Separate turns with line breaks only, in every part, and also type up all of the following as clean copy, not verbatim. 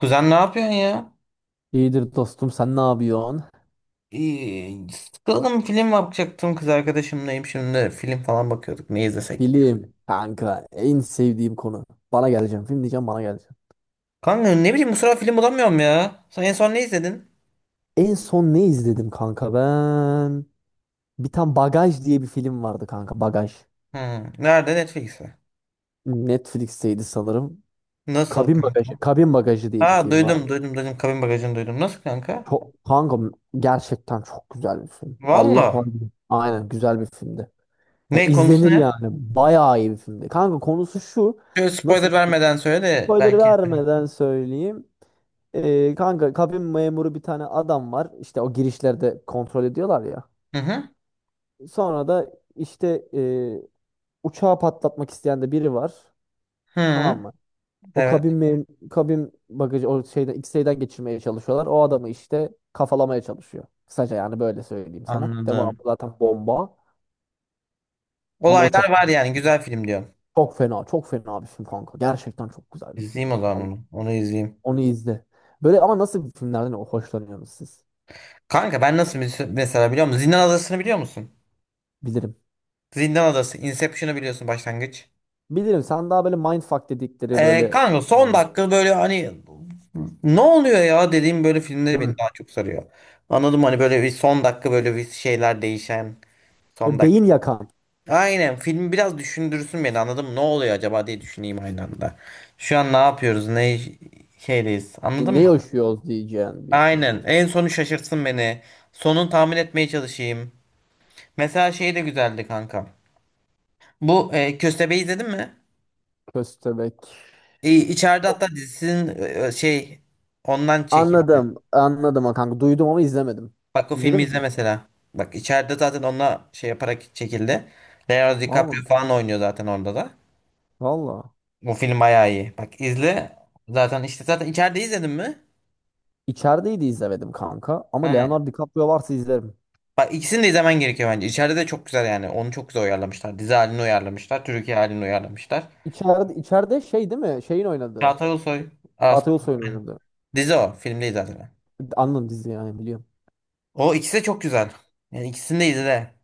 Kuzen ne yapıyorsun ya?
İyidir dostum, sen ne yapıyorsun?
İyi, sıkıldım, film bakacaktım, kız arkadaşımlayım şimdi, film falan bakıyorduk ne izlesek diye.
Film kanka, en sevdiğim konu. Bana geleceğim film diyeceğim, bana geleceğim.
Kanka ne bileyim, bu sıra film bulamıyorum ya. Sen en son ne izledin?
En son ne izledim kanka ben? Bir tane Bagaj diye bir film vardı kanka, Bagaj.
Hmm, nerede, Netflix'te.
Netflix'teydi sanırım.
Nasıl
Kabin Bagajı.
kanka?
Kabin Bagajı diye bir
Ha,
film var.
duydum duydum duydum, kabin bagajını duydum. Nasıl kanka?
Çok, kanka gerçekten çok güzel bir film. Allah
Valla.
var. Aynen, güzel bir filmdi. Yani
Ne konusu
izlenir
ne?
yani. Bayağı iyi bir filmdi. Kanka konusu şu.
Şöyle
Nasıl
spoiler
bir şey?
vermeden söyle de
Spoiler
belki izlerim.
vermeden söyleyeyim. Kanka kabin memuru bir tane adam var. İşte o girişlerde kontrol ediyorlar ya.
Hı hı.
Sonra da işte e, uçağı patlatmak isteyen de biri var.
Hı
Tamam
hı.
mı? O
Evet.
kabin mem Kabin bagajı o şeyden X-ray'den geçirmeye çalışıyorlar. O adamı işte kafalamaya çalışıyor. Kısaca yani böyle söyleyeyim sana. Devamı
Anladım.
zaten bomba. Ama o
Olaylar
çok
var
güzel.
yani, güzel film diyorum.
Çok fena. Çok fena bir film kanka. Gerçekten çok güzel bir film
İzleyeyim o
yani.
zaman
Allah-
onu. Onu izleyeyim.
Onu izle. Böyle, ama nasıl filmlerden hoşlanıyorsunuz siz?
Kanka ben nasıl, mesela biliyor musun? Zindan Adası'nı biliyor musun?
Bilirim.
Zindan Adası, Inception'ı biliyorsun, başlangıç.
Bilirim, sen daha böyle mindfuck dedikleri böyle,
Kanka son
evet,
dakika, böyle hani ne oluyor ya dediğim, böyle filmleri
değil mi?
beni daha çok sarıyor. Anladım, hani böyle bir son dakika, böyle bir şeyler değişen son
Böyle beyin
dakika.
yakan.
Aynen, film biraz düşündürsün beni, anladım. Ne oluyor acaba diye düşüneyim aynı anda. Şu an ne yapıyoruz? Ne şeydeyiz? Anladın mı?
Ne yaşıyoruz diyeceğin bir film
Aynen.
oldu.
En sonu şaşırtsın beni. Sonunu tahmin etmeye çalışayım. Mesela şey de güzeldi kanka. Bu Köstebeği izledin mi?
Köstebek.
İçeride hatta dizisinin şey, ondan çekildi.
Anladım. Anladım ha kanka. Duydum ama izlemedim.
Bak o
İzledin
filmi
mi
izle
sen?
mesela. Bak, içeride zaten onunla şey yaparak çekildi. Leonardo
Valla.
DiCaprio falan oynuyor zaten orada da.
Valla.
Bu film bayağı iyi. Bak izle. Zaten işte zaten, içeride izledin mi?
İçerideydi, izlemedim kanka. Ama
Ha.
Leonardo DiCaprio varsa izlerim.
Bak, ikisini de izlemen gerekiyor bence. İçeride de çok güzel yani. Onu çok güzel uyarlamışlar. Dizi halini uyarlamışlar. Türkiye halini uyarlamışlar.
İçeride, şey değil mi? Şeyin oynadığı.
Çağatay Ulusoy. az-
Çağatay Ulusoy'un oynadığı.
Dizi o. Film değil zaten.
Anladım, dizi yani biliyorum.
O ikisi de çok güzel. Yani ikisini de izle.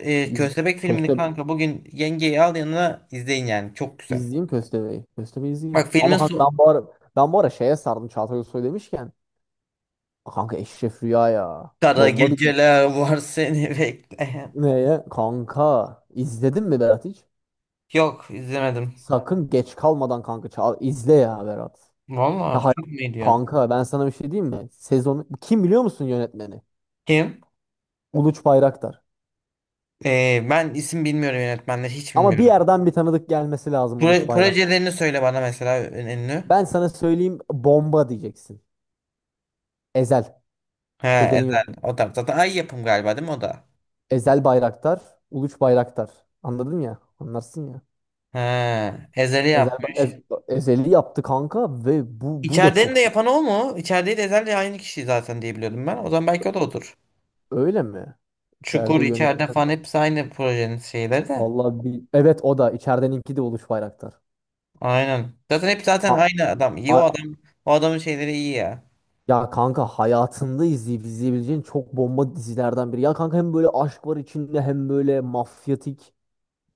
İz,
Köstebek filmini
Köste,
kanka, bugün yengeyi al yanına izleyin yani. Çok güzel.
izleyeyim Köstebeği. Köstebeği izleyeyim.
Bak filmin
Ama kanka
sonu.
ben bu ara, ben bu ara şeye sardım Çağatay Ulusoy demişken. Kanka Eşref Rüya ya.
Kara
Bomba bir
geceler var seni bekleyen.
neye? Kanka izledin mi Berat hiç?
Yok, izlemedim.
Sakın geç kalmadan kanka çal, izle ya Berat. Ya
Vallahi
hay-
çok mu iyi diyorsun?
Kanka ben sana bir şey diyeyim mi? Sezonu kim, biliyor musun yönetmeni?
Kim?
Uluç Bayraktar.
Ben isim bilmiyorum, yönetmenleri hiç
Ama bir
bilmiyorum.
yerden bir tanıdık gelmesi lazım, Uluç Bayrak.
Projelerini söyle bana mesela, en ünlü.
Ben sana söyleyeyim, bomba diyeceksin. Ezel.
He,
Ezel'in
Ezel.
yönetmeni.
O da zaten Ay Yapım galiba değil mi o da?
Ezel Bayraktar, Uluç Bayraktar. Anladın ya? Anlarsın ya.
He, Ezel'i
Ezel, Ez-
yapmış.
Ezel'i yaptı kanka ve bu da
İçeridenin de
çok iyi.
yapan o mu? İçerideyi de Ezel'le aynı kişi zaten diye biliyordum ben. O zaman belki o da odur.
Öyle mi?
Çukur,
İçeride
içeride
yönetmen.
falan hepsi aynı projenin şeyleri de.
Vallahi bir... Evet o da. İçerideninki de Uluç Bayraktar.
Aynen. Zaten hep zaten
Ka-
aynı adam. İyi o
A-
adam. O adamın şeyleri iyi ya.
ya kanka, hayatında izleyip izleyebileceğin çok bomba dizilerden biri. Ya kanka, hem böyle aşk var içinde hem böyle mafyatik.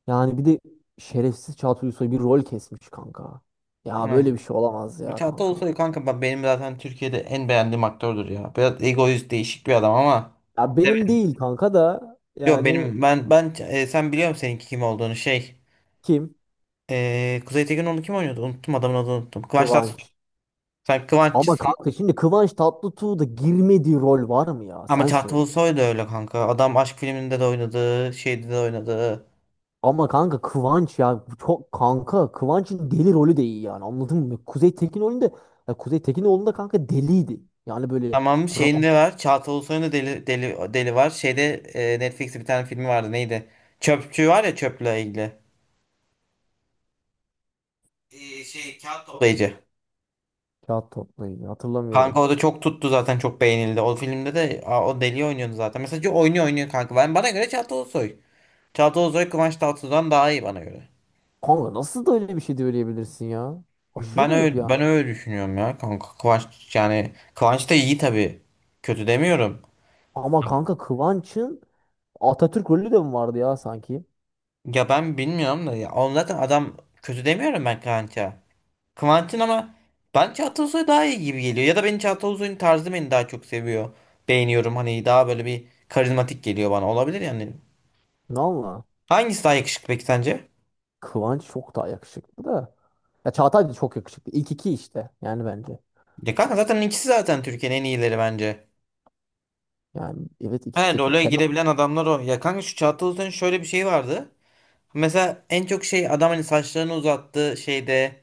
Yani bir de şerefsiz Çağatay Ulusoy bir rol kesmiş kanka. Ya böyle
Aynen.
bir şey olamaz ya
Çağatay
kanka.
Ulusoy kanka, benim zaten Türkiye'de en beğendiğim aktördür ya. Biraz egoist, değişik bir adam ama.
Ya benim
Evet.
değil kanka da
Yok
yani
benim, sen biliyor musun seninki kim olduğunu, şey.
kim?
Kuzey Tekinoğlu kim oynuyordu? Unuttum, adamın adını unuttum. Kıvanç Tatlıtuğ.
Kıvanç.
Sen Kıvanççı.
Ama kanka şimdi Kıvanç Tatlıtuğ'da girmediği rol var mı ya?
Ama
Sen
Çağatay
söyle.
Ulusoy da öyle kanka. Adam aşk filminde de oynadı, şeyde de oynadı.
Ama kanka Kıvanç ya bu çok, kanka Kıvanç'ın deli rolü de iyi yani, anladın mı? Kuzey Tekin rolünde, ya Kuzey Tekinoğlu'nda kanka deliydi. Yani böyle
Tamam
rahat.
şeyinde var. Çağatay Ulusoy'un da deli, deli, deli var. Şeyde Netflix'te bir tane filmi vardı, neydi? Çöpçü var ya, çöple ilgili. Şey, kağıt toplayıcı.
Kağıt toplayın
Kanka
hatırlamıyorum.
o da çok tuttu zaten, çok beğenildi. O filmde de o deli oynuyordu zaten. Mesela oynuyor, oynuyor kanka. Bana göre Çağatay Ulusoy. Çağatay Ulusoy Kıvanç Tatlıtuğ'dan daha iyi bana göre.
Kanka nasıl da öyle bir şey söyleyebilirsin ya? Aşırı garip yani.
Ben öyle düşünüyorum ya kanka. Kıvanç, yani Kıvanç da iyi tabii. Kötü demiyorum.
Ama kanka Kıvanç'ın Atatürk rolü de mi vardı ya sanki?
Ya ben bilmiyorum da ya. Oğlum zaten adam, kötü demiyorum ben Kıvanç'a. Kıvanç'ın ama, ben Çağatay Ulusoy daha iyi gibi geliyor. Ya da benim, Çağatay Ulusoy'un tarzı beni daha çok seviyor. Beğeniyorum hani, daha böyle bir karizmatik geliyor bana. Olabilir yani.
Valla
Hangisi daha yakışıklı peki sence?
Kıvanç çok daha yakışıklı da. Ya Çağatay da çok yakışıklı. İlk iki işte yani, bence.
Ya kanka zaten ikisi zaten Türkiye'nin en iyileri bence.
Yani evet, ikisi
He,
de çok.
role
Kenan.
girebilen adamlar o. Ya kanka, şu Çağatay Ulusoy'un şöyle bir şeyi vardı. Mesela en çok şey, adam hani saçlarını uzattı şeyde.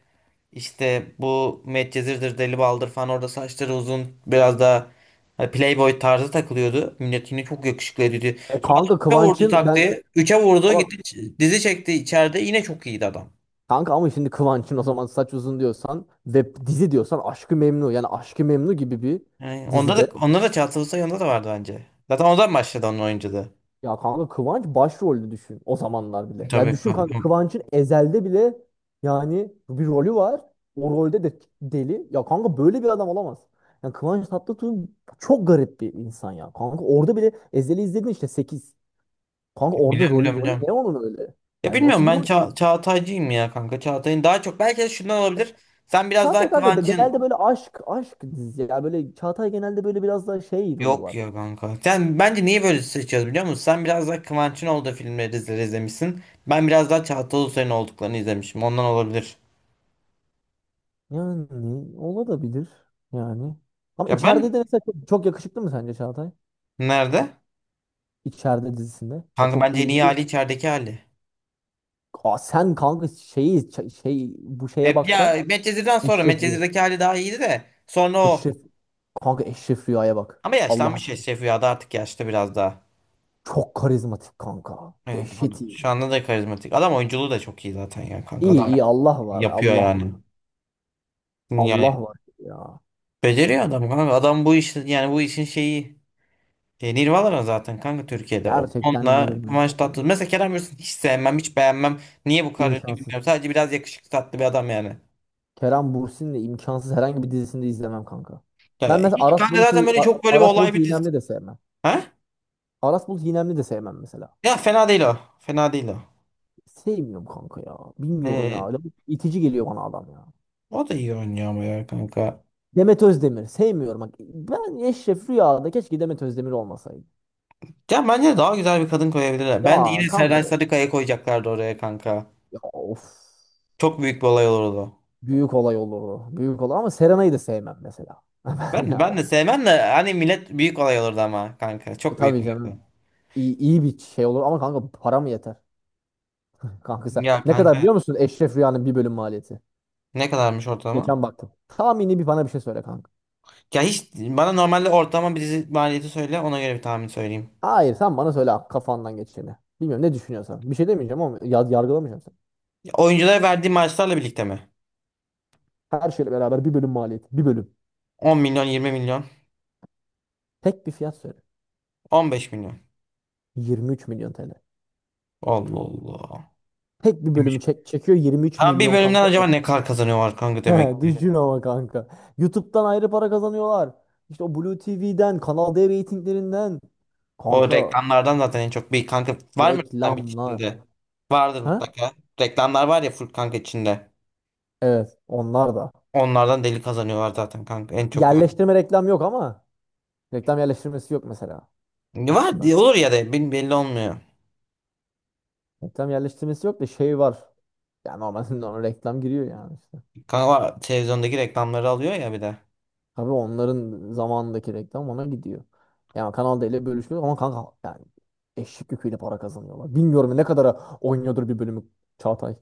İşte bu Medcezir'dir, Deli Baldır falan, orada saçları uzun biraz daha, hani Playboy tarzı takılıyordu. Millet yine çok yakışıklı ediyordu.
E
Sonra
kanka
üçe vurdu
Kıvanç'ın ben,
taktiği. Üçe vurdu
ama
gitti, dizi çekti içeride, yine çok iyiydi adam.
kanka, ama şimdi Kıvanç'ın o zaman saç uzun diyorsan ve dizi diyorsan, Aşk-ı Memnu, yani Aşk-ı Memnu gibi bir
Yani onda
dizide.
da onda da Çağatay Ulusoy, onda da vardı bence. Zaten ondan başladı onun oyunculuğu.
Ya kanka Kıvanç başrolde düşün o zamanlar bile. Ya
Tabii
düşün kanka,
kanka.
Kıvanç'ın Ezel'de bile yani bir rolü var. O rolde de deli. Ya kanka böyle bir adam olamaz. Yani Kıvanç Tatlıtuğ çok garip bir insan ya. Kanka orada bile Ezel'i izledin işte 8. Kanka orada
Biliyorum
rolü,
biliyorum
rolü
biliyorum.
ne onun öyle?
Ya
Yani
bilmiyorum,
nasıl bir
ben
rol?
Çağatay'cıyım ya kanka. Çağatay'ın daha çok, belki de şundan olabilir. Sen biraz daha Kıvanç'ın.
Genelde böyle aşk dizisi. Ya böyle Çağatay genelde böyle biraz daha şey rolü
Yok
var.
ya kanka. Sen bence niye böyle seçiyoruz biliyor musun? Sen biraz daha Kıvanç'ın olduğu filmleri izlemişsin. Ben biraz daha Çağatay Ulusoy'un olduklarını izlemişim. Ondan olabilir.
Yani olabilir yani. Ama
Ya
içeride de
ben,
mesela çok yakışıklı mı sence Çağatay?
nerede?
İçeride dizisinde. Ya
Kanka
çok
bence en
iyi
iyi
duruyor.
hali içerideki hali.
Sen kanka şeyi şey, bu şeye baksan,
Ya Medcezir'den sonra,
Eşref Rüya.
Medcezir'deki hali daha iyiydi de. Sonra o.
Eşref, kanka Eşref Rüya'ya bak.
Ama
Allah
yaşlanmış ya,
aşkına.
Şef Rüya'da artık yaşlı biraz daha.
Çok karizmatik kanka.
Evet,
Dehşet iyi.
şu anda da karizmatik. Adam oyunculuğu da çok iyi zaten ya kanka.
İyi
Adam
iyi, Allah var.
yapıyor
Allah var.
yani. Yani
Allah var ya.
beceriyor adam kanka. Adam bu işi, yani bu işin şeyi. Nirvana zaten kanka Türkiye'de o.
Gerçekten
Onunla
derim bunu.
Kıvanç
Ya.
Tatlıtuğ. Mesela Kerem Bürsin hiç sevmem, hiç beğenmem. Niye bu kadar ünlü
İmkansız.
bilmiyorum. Sadece biraz yakışıklı, tatlı bir adam yani.
Kerem Bürsin'le imkansız, herhangi bir dizisinde izlemem kanka. Ben
Ya
mesela
hiç kanka, zaten böyle çok, böyle bir
Aras
olay
Bulut
bir dizi.
İynemli de sevmem.
Ha?
Aras Bulut İynemli de sevmem mesela.
Ya fena değil o. Fena değil o.
Sevmiyorum kanka ya. Bilmiyorum ya.
E,
Adam İtici geliyor bana adam ya.
o da iyi oynuyor ama ya kanka.
Demet Özdemir. Sevmiyorum. Bak, ben Eşref Rüya'da keşke Demet Özdemir olmasaydı.
Ya bence daha güzel bir kadın koyabilirler. Bence
Ya
yine
kanka
Serenay Sarıkaya koyacaklardı oraya kanka.
ya of.
Çok büyük bir olay olurdu.
Büyük olay olurdu. Büyük olay, ama Serenay'ı da sevmem mesela.
Ben
Yani.
de sevmem de, hani millet, büyük olay olurdu ama kanka.
E
Çok büyük
tabii
olay
canım.
olurdu.
İyi, iyi bir şey olur ama kanka, para mı yeter? Kanka sen
Ya
ne kadar
kanka
biliyor musun Eşref Rüya'nın bir bölüm maliyeti?
ne kadarmış ortalama?
Geçen baktım. Tahmini bir, bana bir şey söyle kanka.
Ya hiç, bana normalde ortalama bir dizi maliyeti söyle, ona göre bir tahmin söyleyeyim.
Hayır, sen bana söyle kafandan geçeni. Bilmiyorum ne düşünüyorsan. Bir şey demeyeceğim ama yargılamayacağım.
Ya oyunculara verdiği maaşlarla birlikte mi?
Her şeyle beraber bir bölüm maliyeti. Bir bölüm.
10 milyon, 20 milyon,
Tek bir fiyat söyle.
15 milyon.
23 milyon TL.
Allah Allah.
Tek bir
Kimmiş?
bölümü çek çekiyor 23
Ha, bir
milyon
bölümden
kanka.
acaba
Ek.
ne kadar kazanıyorlar kanka demek ki.
Düşün ama kanka. YouTube'dan ayrı para kazanıyorlar. İşte o Blue TV'den, Kanal D reytinglerinden.
O
Kanka
reklamlardan zaten en çok, bir kanka var mı reklam
reklamlar.
içinde? Vardır
Ha?
mutlaka. Reklamlar var ya full kanka içinde.
Evet, onlar da.
Onlardan deli kazanıyorlar zaten kanka en çok.
Yerleştirme reklam yok ama reklam yerleştirmesi yok mesela
Var
aslında.
diye olur ya da belli olmuyor.
Reklam yerleştirmesi yok da şey var. Yani normalde ona reklam giriyor yani.
Kanka o televizyondaki reklamları alıyor ya bir de.
Tabii onların zamanındaki reklam ona gidiyor. Yani Kanal D ile bölüşüyor ama kanka yani eşek yüküyle para kazanıyorlar. Bilmiyorum ne kadara oynuyordur bir bölümü Çağatay.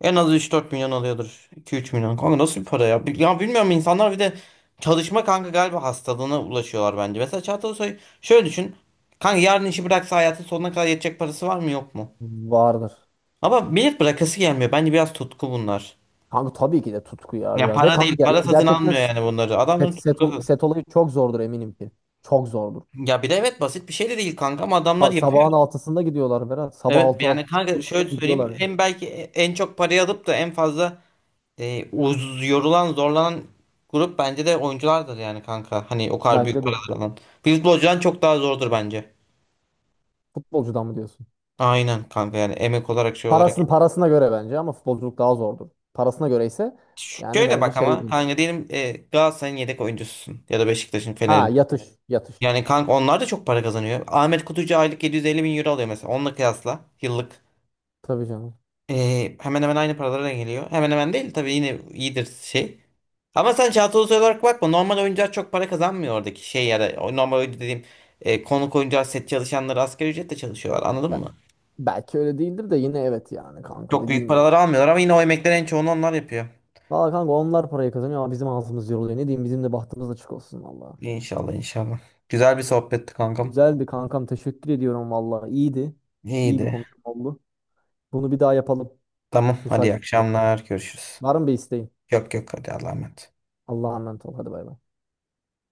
En az 3-4 milyon alıyordur. 2, 3 milyon. Kanka nasıl bir para ya? Ya bilmiyorum, insanlar bir de çalışma kanka galiba hastalığına ulaşıyorlar bence. Mesela Çağatay Ulusoy şöyle düşün. Kanka yarın işi bıraksa hayatın sonuna kadar yetecek parası var mı, yok mu?
Vardır.
Ama millet bırakası gelmiyor. Bence biraz tutku bunlar.
Kanka tabii ki de tutku ya
Ya
biraz. Ve
para
kanka
değil. Para satın
gerçekten
almıyor yani bunları. Adamların tutkusu.
set olayı çok zordur eminim ki. Çok zordur.
Ya bir de evet, basit bir şey de değil kanka ama adamlar yapıyor.
Sabahın altısında gidiyorlar Berat. Sabah
Evet
altı altı
yani kanka, şöyle söyleyeyim.
gidiyorlar yani.
En belki en çok parayı alıp da en fazla, yorulan, zorlanan grup bence de oyunculardır yani kanka. Hani o kadar büyük
Bence de.
paralar alan. Futbolcudan çok daha zordur bence.
Futbolcudan mı diyorsun?
Aynen kanka, yani emek olarak, şey olarak.
Parasını parasına göre bence ama futbolculuk daha zordur. Parasına göre ise yani
Şöyle
bence
bak
şey.
ama, hani diyelim Galatasaray'ın yedek oyuncususun, ya da Beşiktaş'ın,
Ha
Fener'in.
yatış yatış.
Yani kanka onlar da çok para kazanıyor. Ahmet Kutucu aylık 750 bin euro alıyor mesela. Onunla kıyasla yıllık.
Tabii canım.
Hemen hemen aynı paralara geliyor. Hemen hemen değil tabii, yine iyidir şey. Ama sen Çağatay Ulusoy olarak bakma. Normal oyuncular çok para kazanmıyor oradaki şey, ya da o normal oyuncu dediğim konuk oyuncular, set çalışanları asgari ücretle çalışıyorlar, anladın
Be-
mı?
Belki öyle değildir de yine, evet yani kanka,
Çok büyük
dediğin gibi.
paralar almıyorlar ama yine o emeklerin en çoğunu onlar yapıyor.
Valla kanka onlar parayı kazanıyor ama bizim ağzımız yoruluyor. Ne diyeyim, bizim de bahtımız açık olsun valla.
İnşallah, inşallah. Güzel bir sohbetti kankam.
Güzeldi kankam, teşekkür ediyorum valla. İyiydi. İyi bir
İyiydi.
konuşma oldu. Bunu bir daha yapalım.
Tamam hadi,
Müsait
iyi
olunca.
akşamlar, görüşürüz.
Var mı bir isteğin?
Yok yok, hadi Allah'a emanet.
Allah'a emanet ol. Hadi bay bay.